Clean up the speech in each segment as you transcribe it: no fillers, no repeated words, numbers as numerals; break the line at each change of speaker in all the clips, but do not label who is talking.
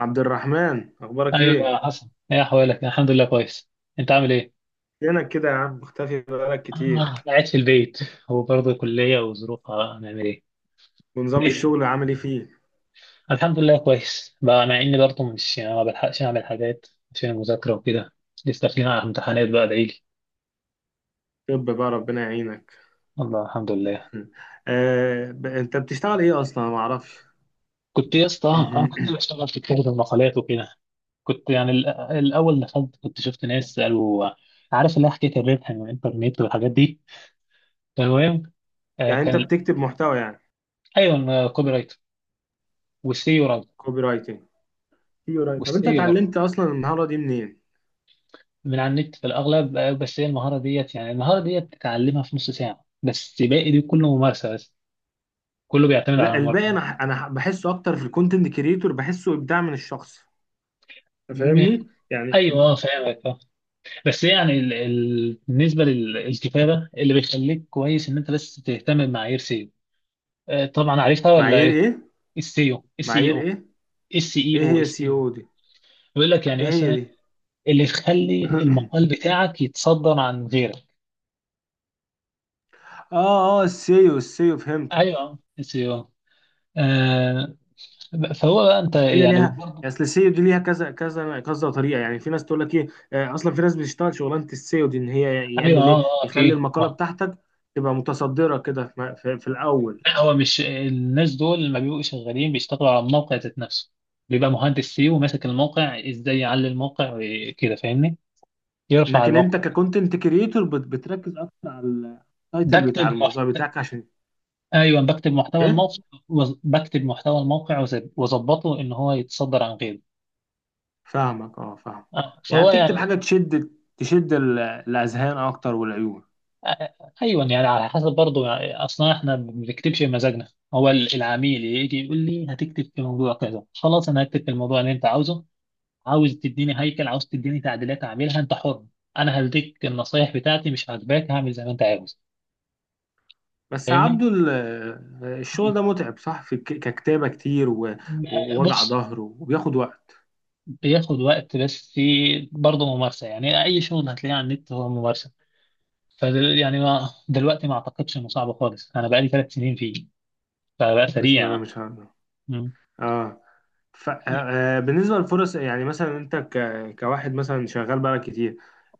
عبد الرحمن، اخبارك
ايوه،
ايه؟
حصل ايه؟ احوالك؟ الحمد لله كويس. انت عامل ايه؟
فينك كده يا عم؟ مختفي بقالك كتير.
آه، قاعد في البيت. وبرضه كلية وظروفها، هنعمل ايه؟
ونظام
الدنيا
الشغل عامل ايه فيه؟
الحمد لله كويس، بقى مع اني برضه مش يعني ما بلحقش اعمل حاجات عشان المذاكرة وكده. لسه داخلين على امتحانات بقى، ادعيلي.
طب بقى، ربنا يعينك.
الله، الحمد لله.
انت بتشتغل ايه اصلا؟ ما اعرفش.
كنت يا اسطى، انا كنت بشتغل في كتابة المقالات وكده. كنت يعني الاول دخلت، كنت شفت ناس قالوا، عارف اللي هي حكاية الربح من الانترنت والحاجات دي. فالمهم،
يعني
كان
انت بتكتب محتوى يعني؟
ايوه، كوبي رايت والسيو رايت،
كوبي رايتنج. كوبي رايت. طب انت
والسيو برضه،
اتعلمت اصلا المهارة دي منين؟
من على النت في الأغلب. بس هي المهارة ديت، يعني المهارة ديت تتعلمها في نص ساعة، بس باقي دي كله ممارسة بس. كله بيعتمد على
لا، الباقي
الممارسة.
بحسه اكتر في الكونتنت كريتور، بحسه ابداع من الشخص. أنت
م-
فاهمني يعني؟
أيوه، فاهمك آه. بس يعني بالنسبة للكتابة، اللي بيخليك كويس إن أنت بس تهتم بمعايير سيو. طبعا عارفها ولا
معايير
إيه؟
ايه؟
السيو، السي إي
معايير
أو
ايه؟
السي إي
ايه
أو،
هي سي
السيو.
او دي؟
بيقول لك يعني
ايه هي
مثلا
دي؟
اللي يخلي المقال بتاعك يتصدر عن غيرك.
اه، اه، السيو، السيو فهمتك.
أيوه، السيو. آه، فهو بقى انت
اصل هي
يعني
ليها،
برضه،
اصل السيو دي ليها كذا كذا كذا طريقه. يعني في ناس تقول لك ايه. اصلا في ناس بتشتغل شغلانه السيو دي، ان هي
ايوه
يعمل
اه
ايه
اه
يخلي
اكيد
المقاله بتاعتك تبقى متصدره كده في الاول.
لا، هو مش الناس دول لما بيبقوا شغالين بيشتغلوا على الموقع ذات نفسه. بيبقى مهندس سي وماسك الموقع، ازاي يعلي الموقع وكده، فاهمني؟ يرفع
لكن انت
الموقع.
ككونتنت كريتور بتركز اكتر على التايتل
بكتب
بتاع
محت...
الموضوع بتاعك عشان
ايوه، بكتب محتوى
ايه.
الموقع بكتب محتوى الموقع واظبطه ان هو يتصدر عن غيره.
فاهمك، اه فاهم. يعني
فهو
بتكتب
يعني
حاجه تشد، تشد الاذهان اكتر، والعيون.
آه، ايوه، يعني على حسب برضه. يعني اصلا احنا ما بنكتبش بمزاجنا. هو العميل يجي يقول لي هتكتب في موضوع كذا، خلاص انا هكتب في الموضوع اللي انت عاوزه. عاوز تديني هيكل، عاوز تديني تعديلات اعملها، انت حر. انا هديك النصايح بتاعتي، مش عاجباك هعمل زي ما انت عاوز،
بس يا
فاهمني؟
عبدو الشغل
مم.
ده متعب صح؟ في ككتابه كتير، ووجع
بص،
ظهر، وبياخد وقت.
بياخد وقت، بس برضه ممارسة. يعني أي شغل هتلاقيه على النت هو ممارسة. ف يعني ما دلوقتي ما أعتقدش إنه صعب خالص، أنا بقالي 3 سنين فيه، فبقى
بسم الله
سريع.
ما شاء الله.
مم.
اه. ف... آه آه، بالنسبه للفرص، يعني مثلا انت كواحد مثلا شغال بقالك كتير،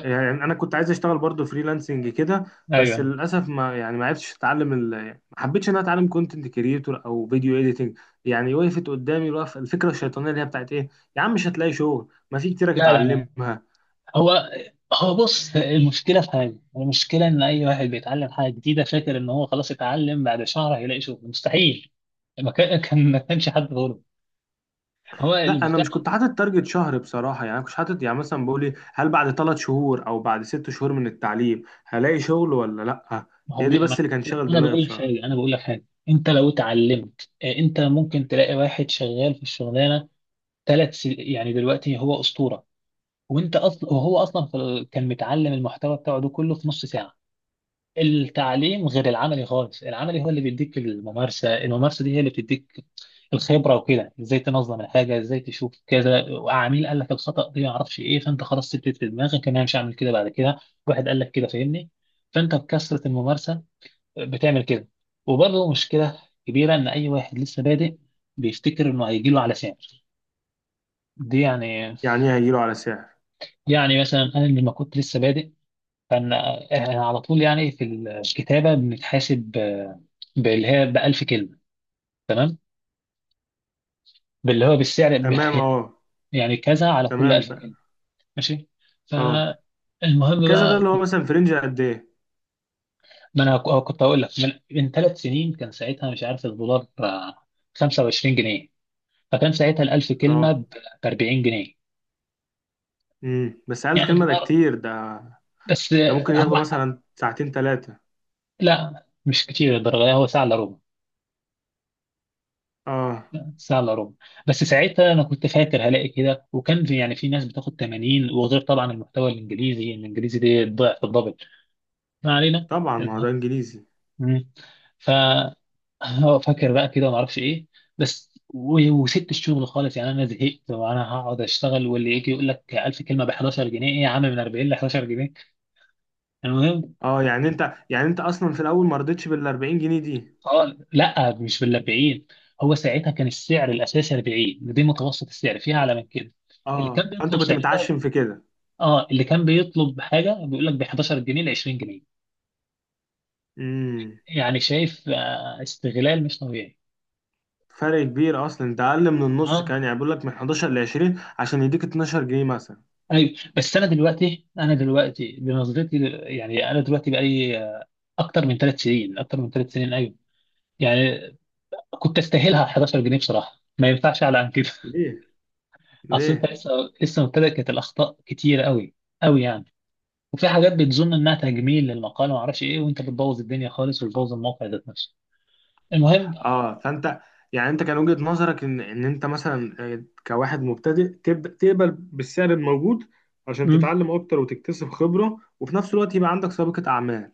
يعني انا كنت عايز اشتغل برضو فريلانسنج كده. بس
أيوه.
للاسف، ما عرفتش اتعلم ما حبيتش ان انا اتعلم كونتنت كريتور او فيديو اديتنج. يعني وقفت قدامي الوقف، الفكره الشيطانيه اللي هي بتاعت ايه: يا عم مش هتلاقي شغل، ما في كتير
لا لا لا.
اتعلمها.
هو، هو بص، المشكلة في حاجة، المشكلة إن أي واحد بيتعلم حاجة جديدة فاكر إن هو خلاص اتعلم بعد شهر هيلاقي شغل، مستحيل. ما كانش حد غلط، هو
لا، انا
البتاع.
مش كنت حاطط تارجت شهر بصراحه. يعني انا كنت حاطط يعني، مثلا بقول هل بعد 3 شهور او بعد 6 شهور من التعليم هلاقي شغل ولا لا.
ما هو
هي
ما
دي
أنا
بس اللي
بقول
كان شاغل
أنا
دماغي
بقول لك
بصراحه.
حاجة، أنت لو اتعلمت، أنت ممكن تلاقي واحد شغال في الشغلانة 3 سنين، يعني دلوقتي هو أسطورة. وأنت أصلا، وهو أصلا في كان متعلم المحتوى بتاعه ده كله في نص ساعة. التعليم غير العملي خالص، العملي هو اللي بيديك الممارسة. الممارسة دي هي اللي بتديك الخبرة وكده، ازاي تنظم الحاجة، ازاي تشوف كذا، وعميل قال لك الخطأ دي ما اعرفش ايه، فانت خلاص سبت في دماغك ان انا مش هعمل كده بعد كده، واحد قال لك كده، فاهمني؟ فانت بكثرة الممارسة بتعمل كده. وبرضه مشكلة كبيرة ان اي واحد لسه بادئ بيفتكر انه هيجي له على سعر دي. يعني
يعني ايه هيجيله على سعر؟
يعني مثلا انا لما كنت لسه بادئ، كان على طول يعني في الكتابة بنتحاسب باللي هي ب 1000 كلمة، تمام؟ باللي هو بالسعر
تمام
يعني،
اه.
يعني كذا على كل
تمام
1000
بقى.
كلمة، ماشي.
اه.
فالمهم
كذا ده
بقى
اللي هو
كنت،
مثلا، في رينج قد ايه؟
ما انا كنت هقول لك من، من 3 سنين، كان ساعتها مش عارف، الدولار ب 25 جنيه، فكان ساعتها ال 1000 كلمة
اه.
ب 40 جنيه.
بس ألف
يعني
كلمه ده
الدولار،
كتير ده.
بس
ده
آه،
ممكن ياخده
هو
مثلا ساعتين ثلاثه.
لا، مش كتير الدرجة، هو ساعة الا ربع،
اه،
ان شاء الله رب. بس ساعتها انا كنت فاكر هلاقي كده، وكان في يعني في ناس بتاخد 80، وغير طبعا المحتوى الانجليزي، الانجليزي دي ضعف الدبل. ما علينا،
طبعا ما هو
المهم.
ده انجليزي.
مم. ف هو فاكر بقى كده وما اعرفش ايه، بس وسبت الشغل خالص. يعني انا زهقت، وانا هقعد اشتغل واللي يجي يقول لك 1000 كلمه ب 11 جنيه؟ ايه يا عم، من 40 ل 11 جنيه؟ المهم.
اه، يعني انت اصلا في الاول ما رضيتش بال 40 جنيه دي.
اه لا، مش بال 40. هو ساعتها كان السعر الاساسي 40، دي متوسط السعر، فيها اعلى من كده. اللي كان
اه
بيطلب،
فانت كنت متعشم في كده.
اه اللي كان بيطلب حاجه بيقول لك ب 11 جنيه ل 20 جنيه،
امم.
يعني شايف، آه، استغلال مش طبيعي.
فرق كبير، اصلا ده اقل من النص.
اه،
كان يعني بيقول لك من 11 ل 20 عشان يديك 12 جنيه مثلا.
ايوه. بس انا دلوقتي، انا دلوقتي بنظرتي يعني انا دلوقتي بقالي، اكتر من 3 سنين، ايوه، يعني كنت استاهلها 11 جنيه بصراحه، ما ينفعش اعلى عن كده.
ليه؟
اصل انت
ليه؟
لسه، لسه مبتدئ، كانت الاخطاء كتيره قوي، قوي يعني. وفي حاجات بتظن انها تجميل للمقال وما اعرفش ايه، وانت بتبوظ الدنيا خالص، وتبوظ الموقع ذات نفسه. المهم،
اه فانت، يعني انت كان وجهة نظرك ان انت مثلا، كواحد مبتدئ تبدا تقبل بالسعر الموجود عشان تتعلم اكتر وتكتسب خبرة، وفي نفس الوقت يبقى عندك سابقة اعمال.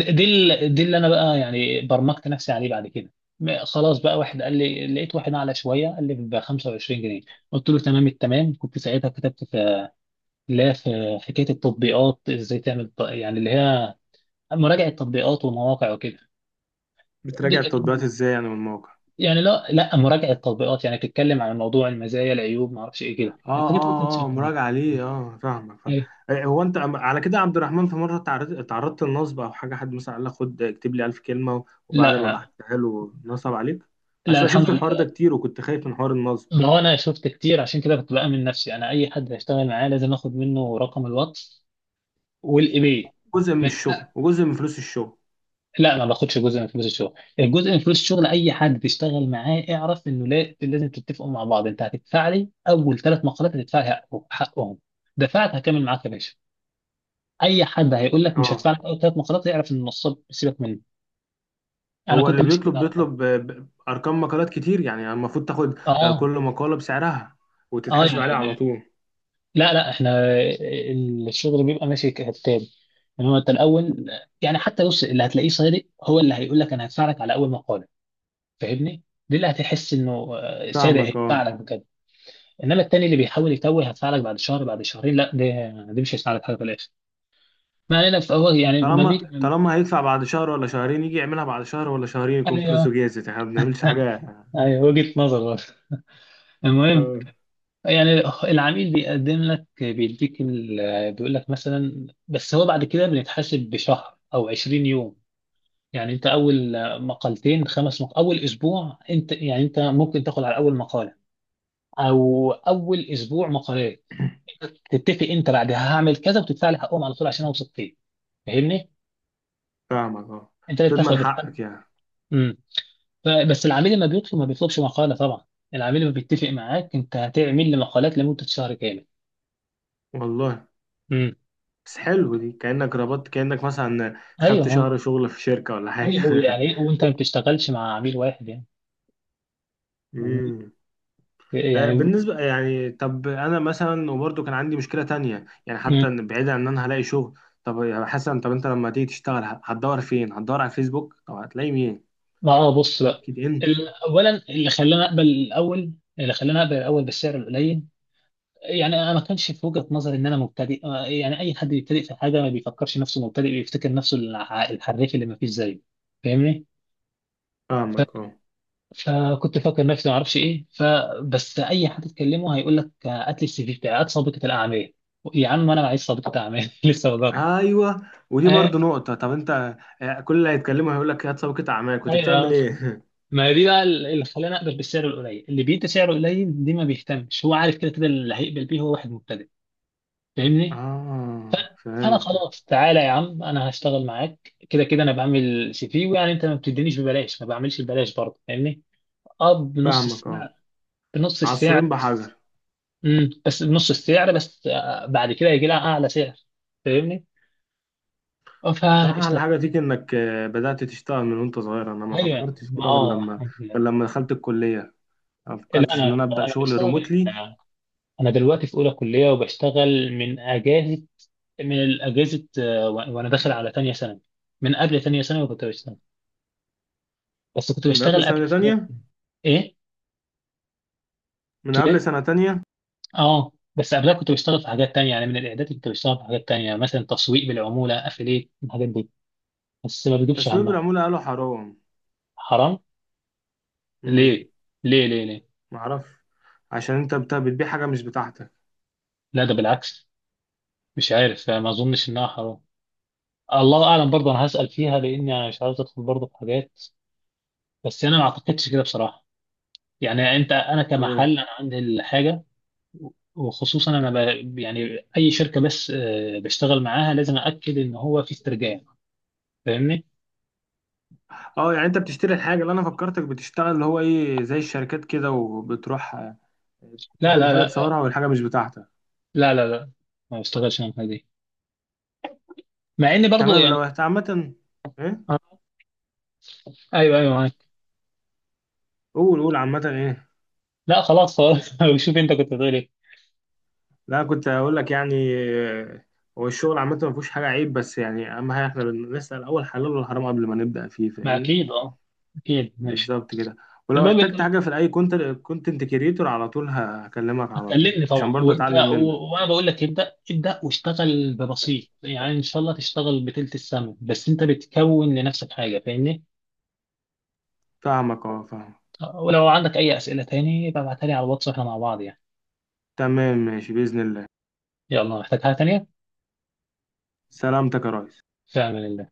دي دي اللي انا بقى يعني برمجت نفسي عليه بعد كده. خلاص بقى، واحد قال لي، لقيت واحد اعلى شويه، قال لي ب 25 جنيه، قلت له تمام التمام. كنت ساعتها كتبت في، لا، في حكايه التطبيقات، ازاي تعمل يعني اللي هي مراجعه تطبيقات ومواقع وكده. دي
بتراجع
كانت
التطبيقات ازاي يعني، والمواقع؟
يعني، لا لا، مراجعه تطبيقات، يعني بتتكلم عن موضوع المزايا العيوب، ما اعرفش ايه كده،
اه
الحاجات اللي انت
اه اه،
بتشوفها دي.
مراجعة ليه؟ اه، فاهمك فاهم.
أيوة.
هو انت على كده يا عبد الرحمن، في مرة تعرضت للنصب او حاجة؟ حد مثلا قال لك خد اكتب لي 1000 كلمة وبعد ما
لا،
بعتها له نصب عليك؟
لا
اصل انا
الحمد
شفت الحوار ده
لله.
كتير، وكنت خايف من حوار النصب.
ما هو انا شفت كتير، عشان كده كنت بامن نفسي، انا اي حد هشتغل معاه لازم اخد منه رقم الواتس والايباي.
جزء من
ما
الشغل
ينفع-
وجزء من فلوس الشغل.
لا، ما باخدش جزء من فلوس الشغل. الجزء من فلوس الشغل، اي حد تشتغل معاه اعرف انه لا، لازم تتفقوا مع بعض، انت هتدفع لي اول 3 مقالات، هتدفع لي حقهم. دفعت، هكمل معاك يا باشا. اي حد هيقول لك مش
اه،
هدفع لك اول 3 مقالات، يعرف ان النصاب، سيبك مني. انا
هو
كنت
اللي
ماشي كده
بيطلب،
على طول.
ارقام مقالات كتير، يعني المفروض تاخد، كل
اه
مقالة بسعرها،
اه،
وتتحاسب عليها على
يعني
طول.
لا لا، احنا الشغل بيبقى ماشي كالتالي، ان هو انت الاول يعني، حتى بص، اللي هتلاقيه صادق هو اللي هيقول لك انا هدفع لك على اول مقاله، فاهمني؟ دي اللي هتحس انه آه، صادق
فاهمك اه.
هيدفع لك بجد. انما التاني اللي بيحاول يتوه، هدفع لك بعد شهر، بعد شهرين، لا ده، دي مش هيساعدك حاجه في الاخر. ما علينا، فهو يعني ما
طالما
بي،
طالما هيدفع بعد شهر ولا شهرين، يجي يعملها بعد شهر ولا شهرين يكون
ايوه
فلوسه جاهزة، احنا ما بنعملش حاجة.
ايوه، وجهه نظر برضه. المهم
اه
يعني، العميل بيقدم لك، بيديك بيقول لك مثلا، بس هو بعد كده بنتحاسب بشهر او 20 يوم. يعني انت اول اول اسبوع انت يعني، انت ممكن تاخد على اول مقاله، او اول اسبوع مقالات، تتفق انت بعدها هعمل كذا وتدفع لي حقهم على طول عشان اوثق فيه، فاهمني؟
فاهمك اه.
انت اللي
تضمن
بتاخد الحق.
حقك يعني.
امم. بس العميل لما بيطلب، ما بيطلبش مقاله طبعا. العميل لما بيتفق معاك انت هتعمل لي مقالات لمده شهر كامل.
والله.
امم.
بس حلو، دي كأنك ربطت، كأنك مثلا
ايوه
خدت
هو،
شهر شغل في شركة ولا حاجة.
ايوه هو يعني، وانت ما بتشتغلش مع عميل واحد يعني، فاهمني؟
امم.
يعني.
بالنسبة يعني، طب أنا مثلا وبرضه كان عندي مشكلة تانية، يعني حتى
امم،
بعيدا عن إن أنا هلاقي شغل. طب يا حسن، طب أنت لما تيجي تشتغل هتدور فين؟ هتدور على فيسبوك؟ طب هتلاقي مين؟
ما اه بص بقى،
لينكد إن؟
اولا اللي خلاني اقبل الاول، بالسعر القليل، يعني انا ما كانش في وجهة نظري ان انا مبتدئ. يعني اي حد بيبتدئ في حاجه ما بيفكرش نفسه مبتدئ، بيفتكر نفسه الحريف اللي ما فيش زيه، فاهمني؟ ف...
فاهمك اه.
فكنت فاكر نفسي ما اعرفش ايه، فبس اي حد تكلمه هيقول لك آه، هات لي السي في بتاعي، هات سابقه الاعمال. يا عم انا عايز سابقه اعمال لسه بدرنا.
أيوه، ودي
آه،
برضه نقطة. طب أنت، كل اللي هيتكلموا هيقول لك يا سابقة أعمال كنت بتعمل
ايوه.
إيه؟
ما هي دي بقى اللي خلاني اقبل بالسعر القليل. اللي بيدي سعره قليل دي ما بيهتمش، هو عارف كده كده اللي هيقبل بيه هو واحد مبتدئ، فاهمني؟ ف-
آه
فانا
فهمت.
خلاص تعالى يا عم انا هشتغل معاك، كده كده انا بعمل سي في، ويعني انت ما بتدينيش ببلاش، ما بعملش ببلاش برضه، فاهمني؟ اه، بنص
فاهمك اه.
السعر، بنص السعر
عصفورين
بس
بحجر.
امم، بس بنص السعر بس، بعد كده يجي لها اعلى سعر، فاهمني؟ اه،
بصراحة أحلى
فاشتغل.
حاجة فيك إنك بدأت تشتغل من وأنت صغير. أنا ما
ايوه،
فكرتش كده غير
اه
لما
الحمد لله.
غير لما دخلت الكلية، ما
لا
فكرتش
انا،
إن أنا أبدأ
انا
شغل
بشتغل
ريموتلي.
من، انا دلوقتي في اولى كليه، وبشتغل من اجازه، من الاجازه. وانا داخل على تانية ثانوي، من قبل تانية ثانوي كنت بشتغل، بس كنت
من قبل
بشتغل قبل
سنة
في حاجات.
تانية؟
ايه،
من قبل
تولي.
سنة تانية.
اه، بس قبلها كنت بشتغل في حاجات تانية، يعني من الاعداد كنت بشتغل في حاجات تانية، مثلا تسويق بالعمولة، افيليت، الحاجات دي، بس ما بجيبش
تسويق
همها.
بالعمولة قالوا حرام؟
حرام؟
امم.
ليه ليه ليه؟
معرفش. عشان أنت بتبيع حاجة مش بتاعتك.
لا، ده بالعكس، مش عارف يعني، ما اظنش انها حرام. الله اعلم، برضه انا هسأل فيها، لاني انا مش عاوز ادخل برضه في حاجات. بس انا ما اعتقدش كده بصراحة. يعني انت، انا
تمام.
كمحل انا عندي الحاجة. وخصوصا انا ب... يعني اي شركة بس آه، بشتغل معاها لازم اكد ان هو في استرجاع، فاهمني؟
اه يعني، أنت بتشتري الحاجة اللي أنا فكرتك بتشتغل اللي هو إيه، زي الشركات كده، وبتروح
لا
تاخد
لا
الحاجة
لا
تصورها، والحاجة مش بتاعتك.
لا لا لا ما بشتغلش انا الحاجه دي، مع اني برضو
تمام. لو
يعني.
عامة إيه؟
آه، ايوه ايوه، معاك.
قول، قول. عامة إيه؟
لا خلاص خلاص. شوف انت كنت بتقول ايه.
لا، كنت هقول لك يعني، هو الشغل عامة ما فيهوش حاجة عيب، بس يعني أهم حاجة، إحنا بنسأل أول حلال والحرام قبل ما نبدأ فيه.
ما
فاهمني؟
اكيد اه، اكيد ماشي.
بالظبط كده. ولو
المهم انت،
احتجت حاجة في أي كونتنت كريتور، على طول هكلمك على طول،
هتكلمني طبعا،
عشان برضه
وانت
أتعلم
و...
منك.
وانا بقول لك ابدا ابدا، واشتغل ببسيط، يعني ان شاء الله تشتغل بتلت السما، بس انت بتكون لنفسك حاجه، فاهمني؟
فاهمك أه فاهمك.
ولو عندك اي اسئله تاني ببعتها لي على الواتس، واحنا مع بعض يعني.
تمام ماشي بإذن الله.
يلا، محتاج حاجه تانيه؟
سلامتك يا ريس.
في امان الله.